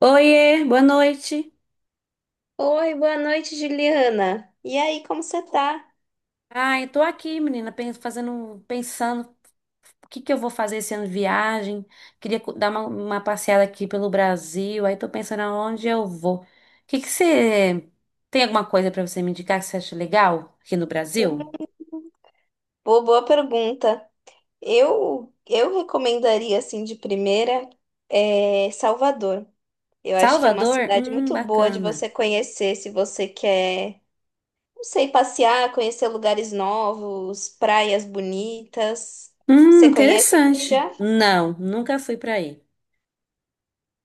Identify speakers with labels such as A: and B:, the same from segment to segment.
A: Oiê, boa noite.
B: Oi, boa noite, Juliana. E aí, como você tá?
A: Ai, tô aqui, menina, fazendo, pensando o que que eu vou fazer esse ano de viagem. Queria dar uma passeada aqui pelo Brasil, aí tô pensando aonde eu vou. O que que você tem alguma coisa pra você me indicar que você acha legal aqui no Brasil?
B: Boa, boa pergunta. Eu recomendaria, assim, de primeira, Salvador. Eu acho que é uma
A: Salvador?
B: cidade muito boa de
A: Bacana.
B: você conhecer se você quer, não sei, passear, conhecer lugares novos, praias bonitas. Você conhece aqui
A: Interessante.
B: já?
A: Não, nunca fui pra aí.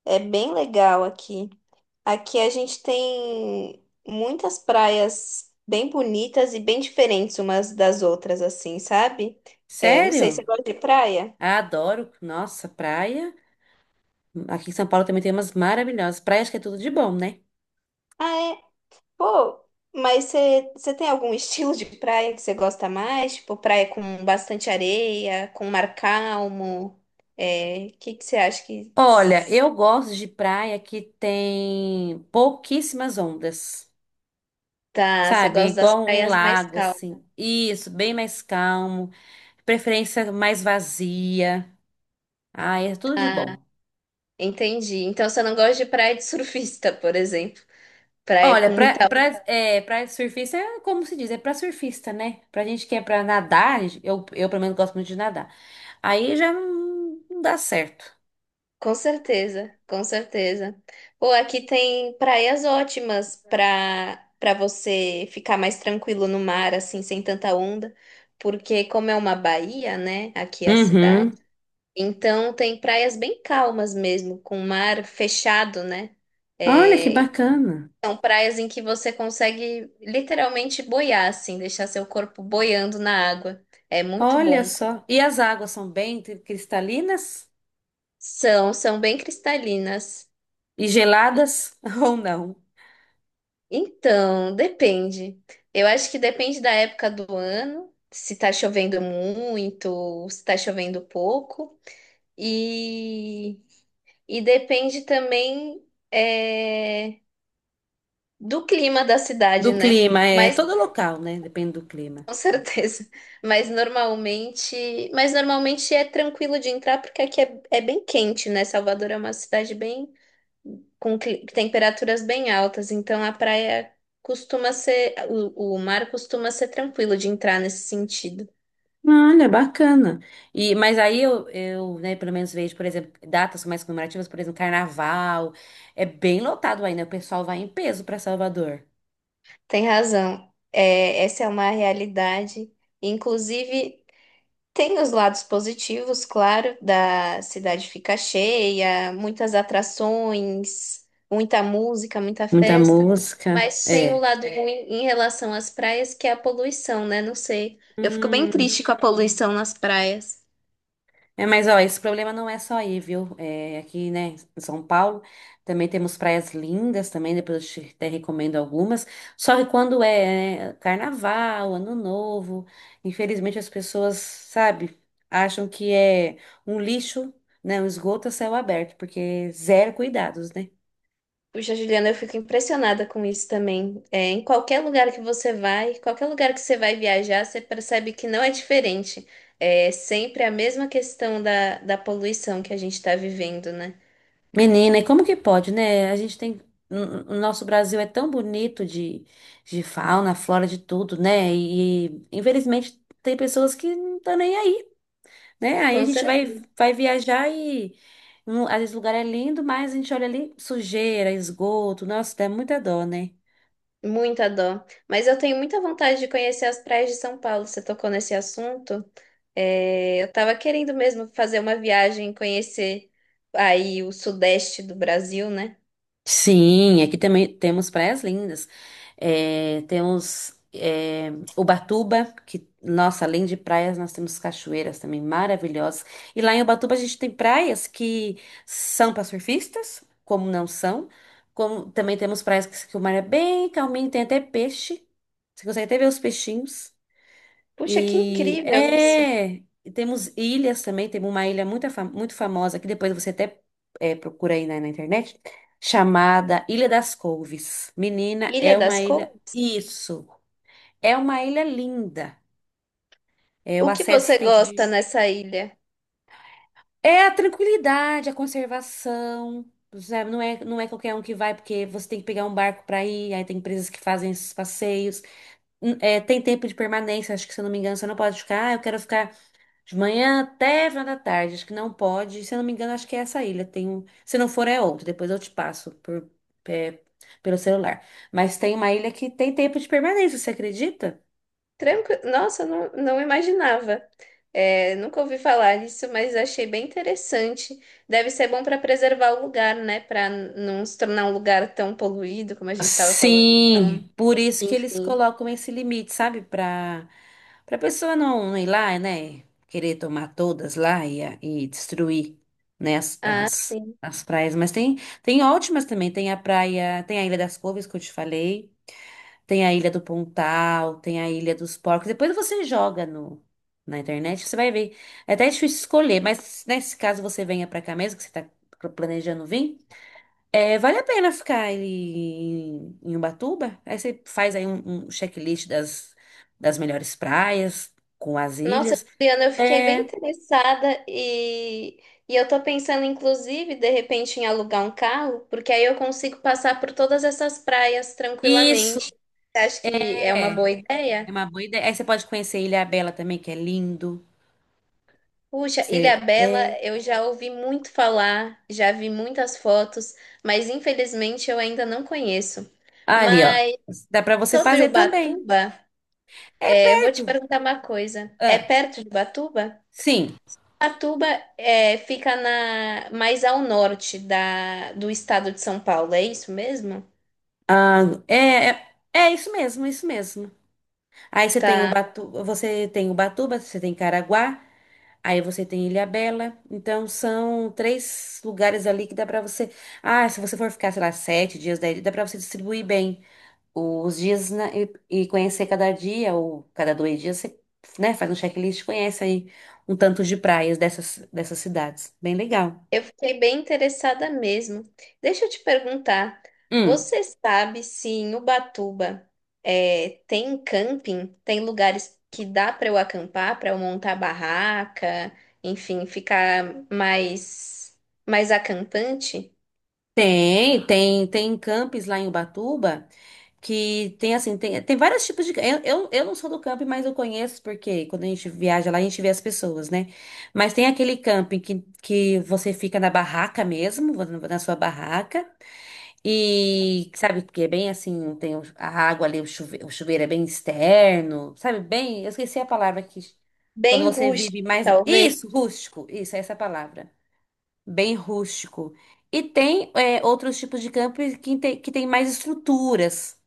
B: É bem legal aqui. Aqui a gente tem muitas praias bem bonitas e bem diferentes umas das outras, assim, sabe? É, não sei, você
A: Sério?
B: gosta de praia?
A: Adoro. Nossa, praia. Aqui em São Paulo também tem umas maravilhosas. Praias que é tudo de bom, né?
B: Ah, é? Pô, mas você tem algum estilo de praia que você gosta mais? Tipo, praia com bastante areia, com mar calmo? É, o que que você acha que...
A: Olha, eu gosto de praia que tem pouquíssimas ondas,
B: Tá, você
A: sabe?
B: gosta das
A: Igual um
B: praias mais
A: lago,
B: calmas.
A: assim. Isso, bem mais calmo, preferência mais vazia. Ah, é tudo de bom.
B: Entendi. Então você não gosta de praia de surfista, por exemplo. Praia
A: Olha,
B: com muita.
A: pra surfista é como se diz, é pra surfista, né? Pra gente que é pra nadar, eu pelo menos gosto muito de nadar. Aí já não não dá certo.
B: Com certeza, com certeza. Pô, aqui tem praias ótimas para você ficar mais tranquilo no mar, assim, sem tanta onda, porque como é uma baía, né, aqui é a cidade,
A: Uhum.
B: então tem praias bem calmas mesmo, com mar fechado, né?
A: Olha que
B: É,
A: bacana.
B: são praias em que você consegue literalmente boiar, assim, deixar seu corpo boiando na água. É muito
A: Olha
B: bom.
A: só. E as águas são bem cristalinas?
B: São, são bem cristalinas.
A: E geladas ou não?
B: Então, depende. Eu acho que depende da época do ano, se tá chovendo muito, se tá chovendo pouco. E, e depende também é, do clima da
A: Do
B: cidade, né?
A: clima, é
B: Mas
A: todo local, né? Depende do clima.
B: com certeza. Mas normalmente é tranquilo de entrar porque aqui é, é bem quente, né? Salvador é uma cidade bem com temperaturas bem altas, então a praia costuma ser, o mar costuma ser tranquilo de entrar nesse sentido.
A: Olha, bacana. E, mas aí né, pelo menos vejo, por exemplo, datas mais comemorativas, por exemplo, carnaval. É bem lotado aí, né? O pessoal vai em peso para Salvador.
B: Tem razão. É, essa é uma realidade. Inclusive, tem os lados positivos, claro, da cidade fica cheia, muitas atrações, muita música, muita
A: Muita
B: festa.
A: música.
B: Mas tem o
A: É.
B: lado ruim em relação às praias, que é a poluição, né? Não sei. Eu fico bem
A: Hum.
B: triste com a poluição nas praias.
A: É, mas, ó, esse problema não é só aí, viu? É, aqui, né, em São Paulo, também temos praias lindas também, depois eu te até recomendo algumas. Só que quando é, né, carnaval, ano novo, infelizmente as pessoas, sabe, acham que é um lixo, né, um esgoto a céu aberto, porque zero cuidados, né?
B: Puxa, Juliana, eu fico impressionada com isso também. É, em qualquer lugar que você vai, qualquer lugar que você vai viajar, você percebe que não é diferente. É sempre a mesma questão da poluição que a gente está vivendo, né?
A: Menina, e como que pode, né? A gente tem. O nosso Brasil é tão bonito de fauna, flora, de tudo, né? E infelizmente tem pessoas que não estão nem aí. Né? Aí a
B: Com
A: gente
B: certeza,
A: vai, vai viajar e um, às vezes o lugar é lindo, mas a gente olha ali sujeira, esgoto, nossa, dá muita dó, né?
B: muita dó. Mas eu tenho muita vontade de conhecer as praias de São Paulo. Você tocou nesse assunto? É, eu tava querendo mesmo fazer uma viagem, e conhecer aí o sudeste do Brasil, né?
A: Sim, aqui também temos praias lindas. É, temos é, Ubatuba, que, nossa, além de praias, nós temos cachoeiras também maravilhosas. E lá em Ubatuba a gente tem praias que são para surfistas, como não são. Como, também temos praias que o mar é bem calminho, tem até peixe. Você consegue até ver os peixinhos.
B: Puxa, que
A: E
B: incrível isso!
A: é, e temos ilhas também, temos uma ilha muito, muito famosa, que depois você até é, procura aí na internet, chamada Ilha das Couves. Menina,
B: Ilha
A: é uma
B: das
A: ilha,
B: Couras?
A: isso, é uma ilha linda. É, o
B: O que
A: acesso
B: você
A: tem que...
B: gosta nessa ilha?
A: É a tranquilidade, a conservação, sabe? Não é, não é qualquer um que vai, porque você tem que pegar um barco para ir, aí tem empresas que fazem esses passeios. É, tem tempo de permanência, acho que se eu não me engano, você não pode ficar, ah, eu quero ficar de manhã até final da tarde, acho que não pode. Se eu não me engano, acho que é essa ilha. Tem um... Se não for, é outra. Depois eu te passo é, pelo celular. Mas tem uma ilha que tem tempo de permanência, você acredita?
B: Tranquilo. Nossa, eu não, não imaginava. É, nunca ouvi falar disso, mas achei bem interessante. Deve ser bom para preservar o lugar, né? Para não se tornar um lugar tão poluído como a gente estava falando. Então,
A: Sim, por isso que eles
B: enfim.
A: colocam esse limite, sabe? Para para pessoa não, não ir lá, né? Querer tomar todas lá e, e destruir, né,
B: Ah, sim.
A: as praias. Mas tem, tem ótimas também. Tem a praia, tem a Ilha das Couves, que eu te falei. Tem a Ilha do Pontal, tem a Ilha dos Porcos. Depois você joga no, na internet, você vai ver. É até difícil escolher, mas nesse caso você venha pra cá mesmo, que você tá planejando vir. É, vale a pena ficar aí em Ubatuba? Aí você faz aí um checklist das melhores praias, com as
B: Nossa,
A: ilhas.
B: Juliana, eu fiquei bem
A: É,
B: interessada e eu tô pensando, inclusive, de repente, em alugar um carro, porque aí eu consigo passar por todas essas praias
A: isso
B: tranquilamente. Você acha que é uma boa
A: é
B: ideia?
A: uma boa ideia. Aí você pode conhecer Ilhabela também, que é lindo.
B: Puxa,
A: Você,
B: Ilhabela,
A: é,
B: eu já ouvi muito falar, já vi muitas fotos, mas infelizmente eu ainda não conheço.
A: ali, ó.
B: Mas
A: Dá pra você
B: sobre
A: fazer também.
B: Ubatuba,
A: É
B: é, eu vou
A: perto.
B: te perguntar uma coisa. É
A: Ah,
B: perto de Ubatuba?
A: sim.
B: Ubatuba é, fica na, mais ao norte da, do estado de São Paulo, é isso mesmo?
A: Ah, é, é, é isso mesmo, isso mesmo. Aí você tem o Batu, você tem Ubatuba, você tem Caraguá, aí você tem Ilhabela. Então são três lugares ali que dá pra você. Ah, se você for ficar, sei lá, sete dias daí, dá pra você distribuir bem os dias e conhecer cada dia ou cada dois dias você, né, faz um checklist, e conhece aí um tanto de praias dessas cidades. Bem legal.
B: Eu fiquei bem interessada mesmo. Deixa eu te perguntar,
A: Hum,
B: você sabe se em Ubatuba é, tem camping? Tem lugares que dá para eu acampar, para eu montar barraca, enfim, ficar mais mais acampante?
A: tem, tem, tem campings lá em Ubatuba. Que tem assim, tem, tem vários tipos de. Eu não sou do camping, mas eu conheço, porque quando a gente viaja lá, a gente vê as pessoas, né? Mas tem aquele camping que você fica na barraca mesmo, na sua barraca, e sabe, porque é bem assim, tem a água ali, o chuveiro é bem externo, sabe? Bem, eu esqueci a palavra que. Quando
B: Bem
A: você
B: rústico,
A: vive mais.
B: talvez.
A: Isso, rústico, isso, é essa é a palavra. Bem rústico. E tem é, outros tipos de camping que tem mais estruturas.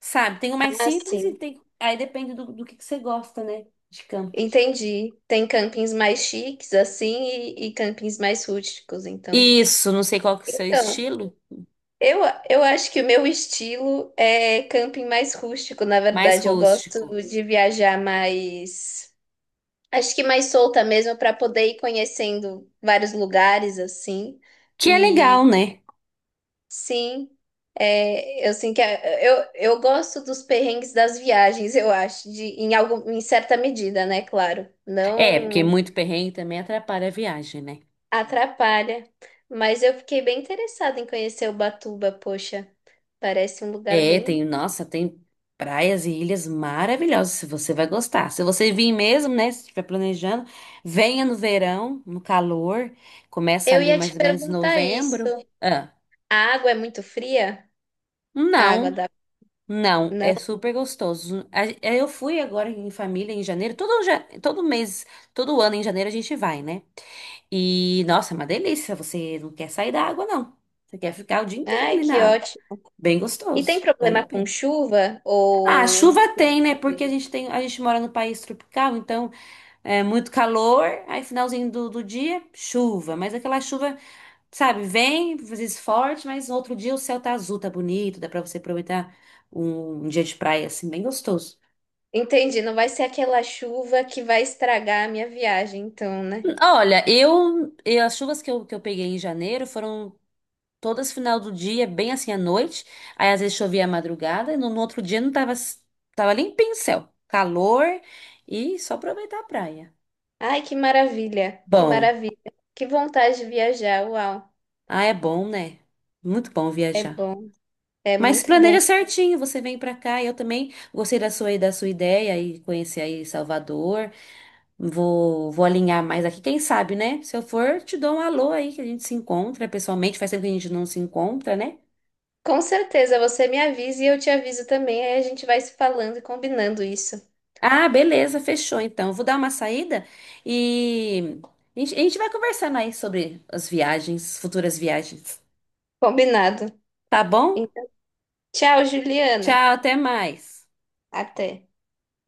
A: Sabe, tem o mais
B: Ah,
A: simples e
B: sim.
A: tem. Aí depende do que você gosta, né? De campo.
B: Entendi. Tem campings mais chiques assim e campings mais rústicos, então.
A: Isso, não sei qual que é o seu
B: Então,
A: estilo,
B: Eu, eu acho que o meu estilo é camping mais rústico, na
A: mais
B: verdade. Eu gosto
A: rústico.
B: de viajar mais. Acho que mais solta mesmo, para poder ir conhecendo vários lugares, assim.
A: Que é
B: E
A: legal, né?
B: sim, é, eu sinto eu gosto dos perrengues das viagens, eu acho, de, em, algum, em certa medida, né? Claro.
A: É, porque
B: Não
A: muito perrengue também atrapalha a viagem, né?
B: atrapalha. Mas eu fiquei bem interessada em conhecer Ubatuba, poxa. Parece um lugar
A: É,
B: bem.
A: tem, nossa, tem praias e ilhas maravilhosas, você vai gostar. Se você vir mesmo, né, se estiver planejando, venha no verão, no calor, começa
B: Eu
A: ali
B: ia
A: mais
B: te
A: ou menos em
B: perguntar isso.
A: novembro. Ah,
B: A água é muito fria? A água
A: não.
B: da.
A: Não, é super gostoso. Eu fui agora em família em janeiro, todo, todo mês, todo ano em janeiro a gente vai, né? E nossa, é uma delícia. Você não quer sair da água, não. Você quer ficar o dia inteiro
B: Ai,
A: ali na
B: que
A: água.
B: ótimo.
A: Bem
B: E tem
A: gostoso, vale a
B: problema com
A: pena.
B: chuva?
A: Ah,
B: Ou.
A: chuva tem, né? Porque a gente tem, a gente mora no país tropical, então é muito calor. Aí finalzinho do dia, chuva. Mas aquela chuva, sabe, vem, às vezes forte, mas no outro dia o céu tá azul, tá bonito, dá pra você aproveitar um, um dia de praia assim, bem gostoso.
B: Entendi, não vai ser aquela chuva que vai estragar a minha viagem, então, né?
A: Olha, as chuvas que que eu peguei em janeiro foram todas final do dia, bem assim à noite. Aí às vezes chovia à madrugada e no outro dia não tava, tava limpinho o céu. Calor e só aproveitar a praia.
B: Ai, que maravilha, que
A: Bom,
B: maravilha. Que vontade de viajar, uau.
A: ah, é bom, né? Muito bom
B: É
A: viajar.
B: bom, é
A: Mas
B: muito bom.
A: planeja certinho, você vem pra cá. Eu também gostei da sua ideia e conhecer aí Salvador. Vou alinhar mais aqui, quem sabe, né? Se eu for, te dou um alô aí que a gente se encontra pessoalmente. Faz tempo que a gente não se encontra, né?
B: Com certeza, você me avisa e eu te aviso também. Aí a gente vai se falando e combinando isso.
A: Ah, beleza, fechou então. Eu vou dar uma saída e a gente vai conversando aí sobre as viagens, futuras viagens.
B: Combinado.
A: Tá bom?
B: Então, tchau, Juliana.
A: Tchau, até mais.
B: Até.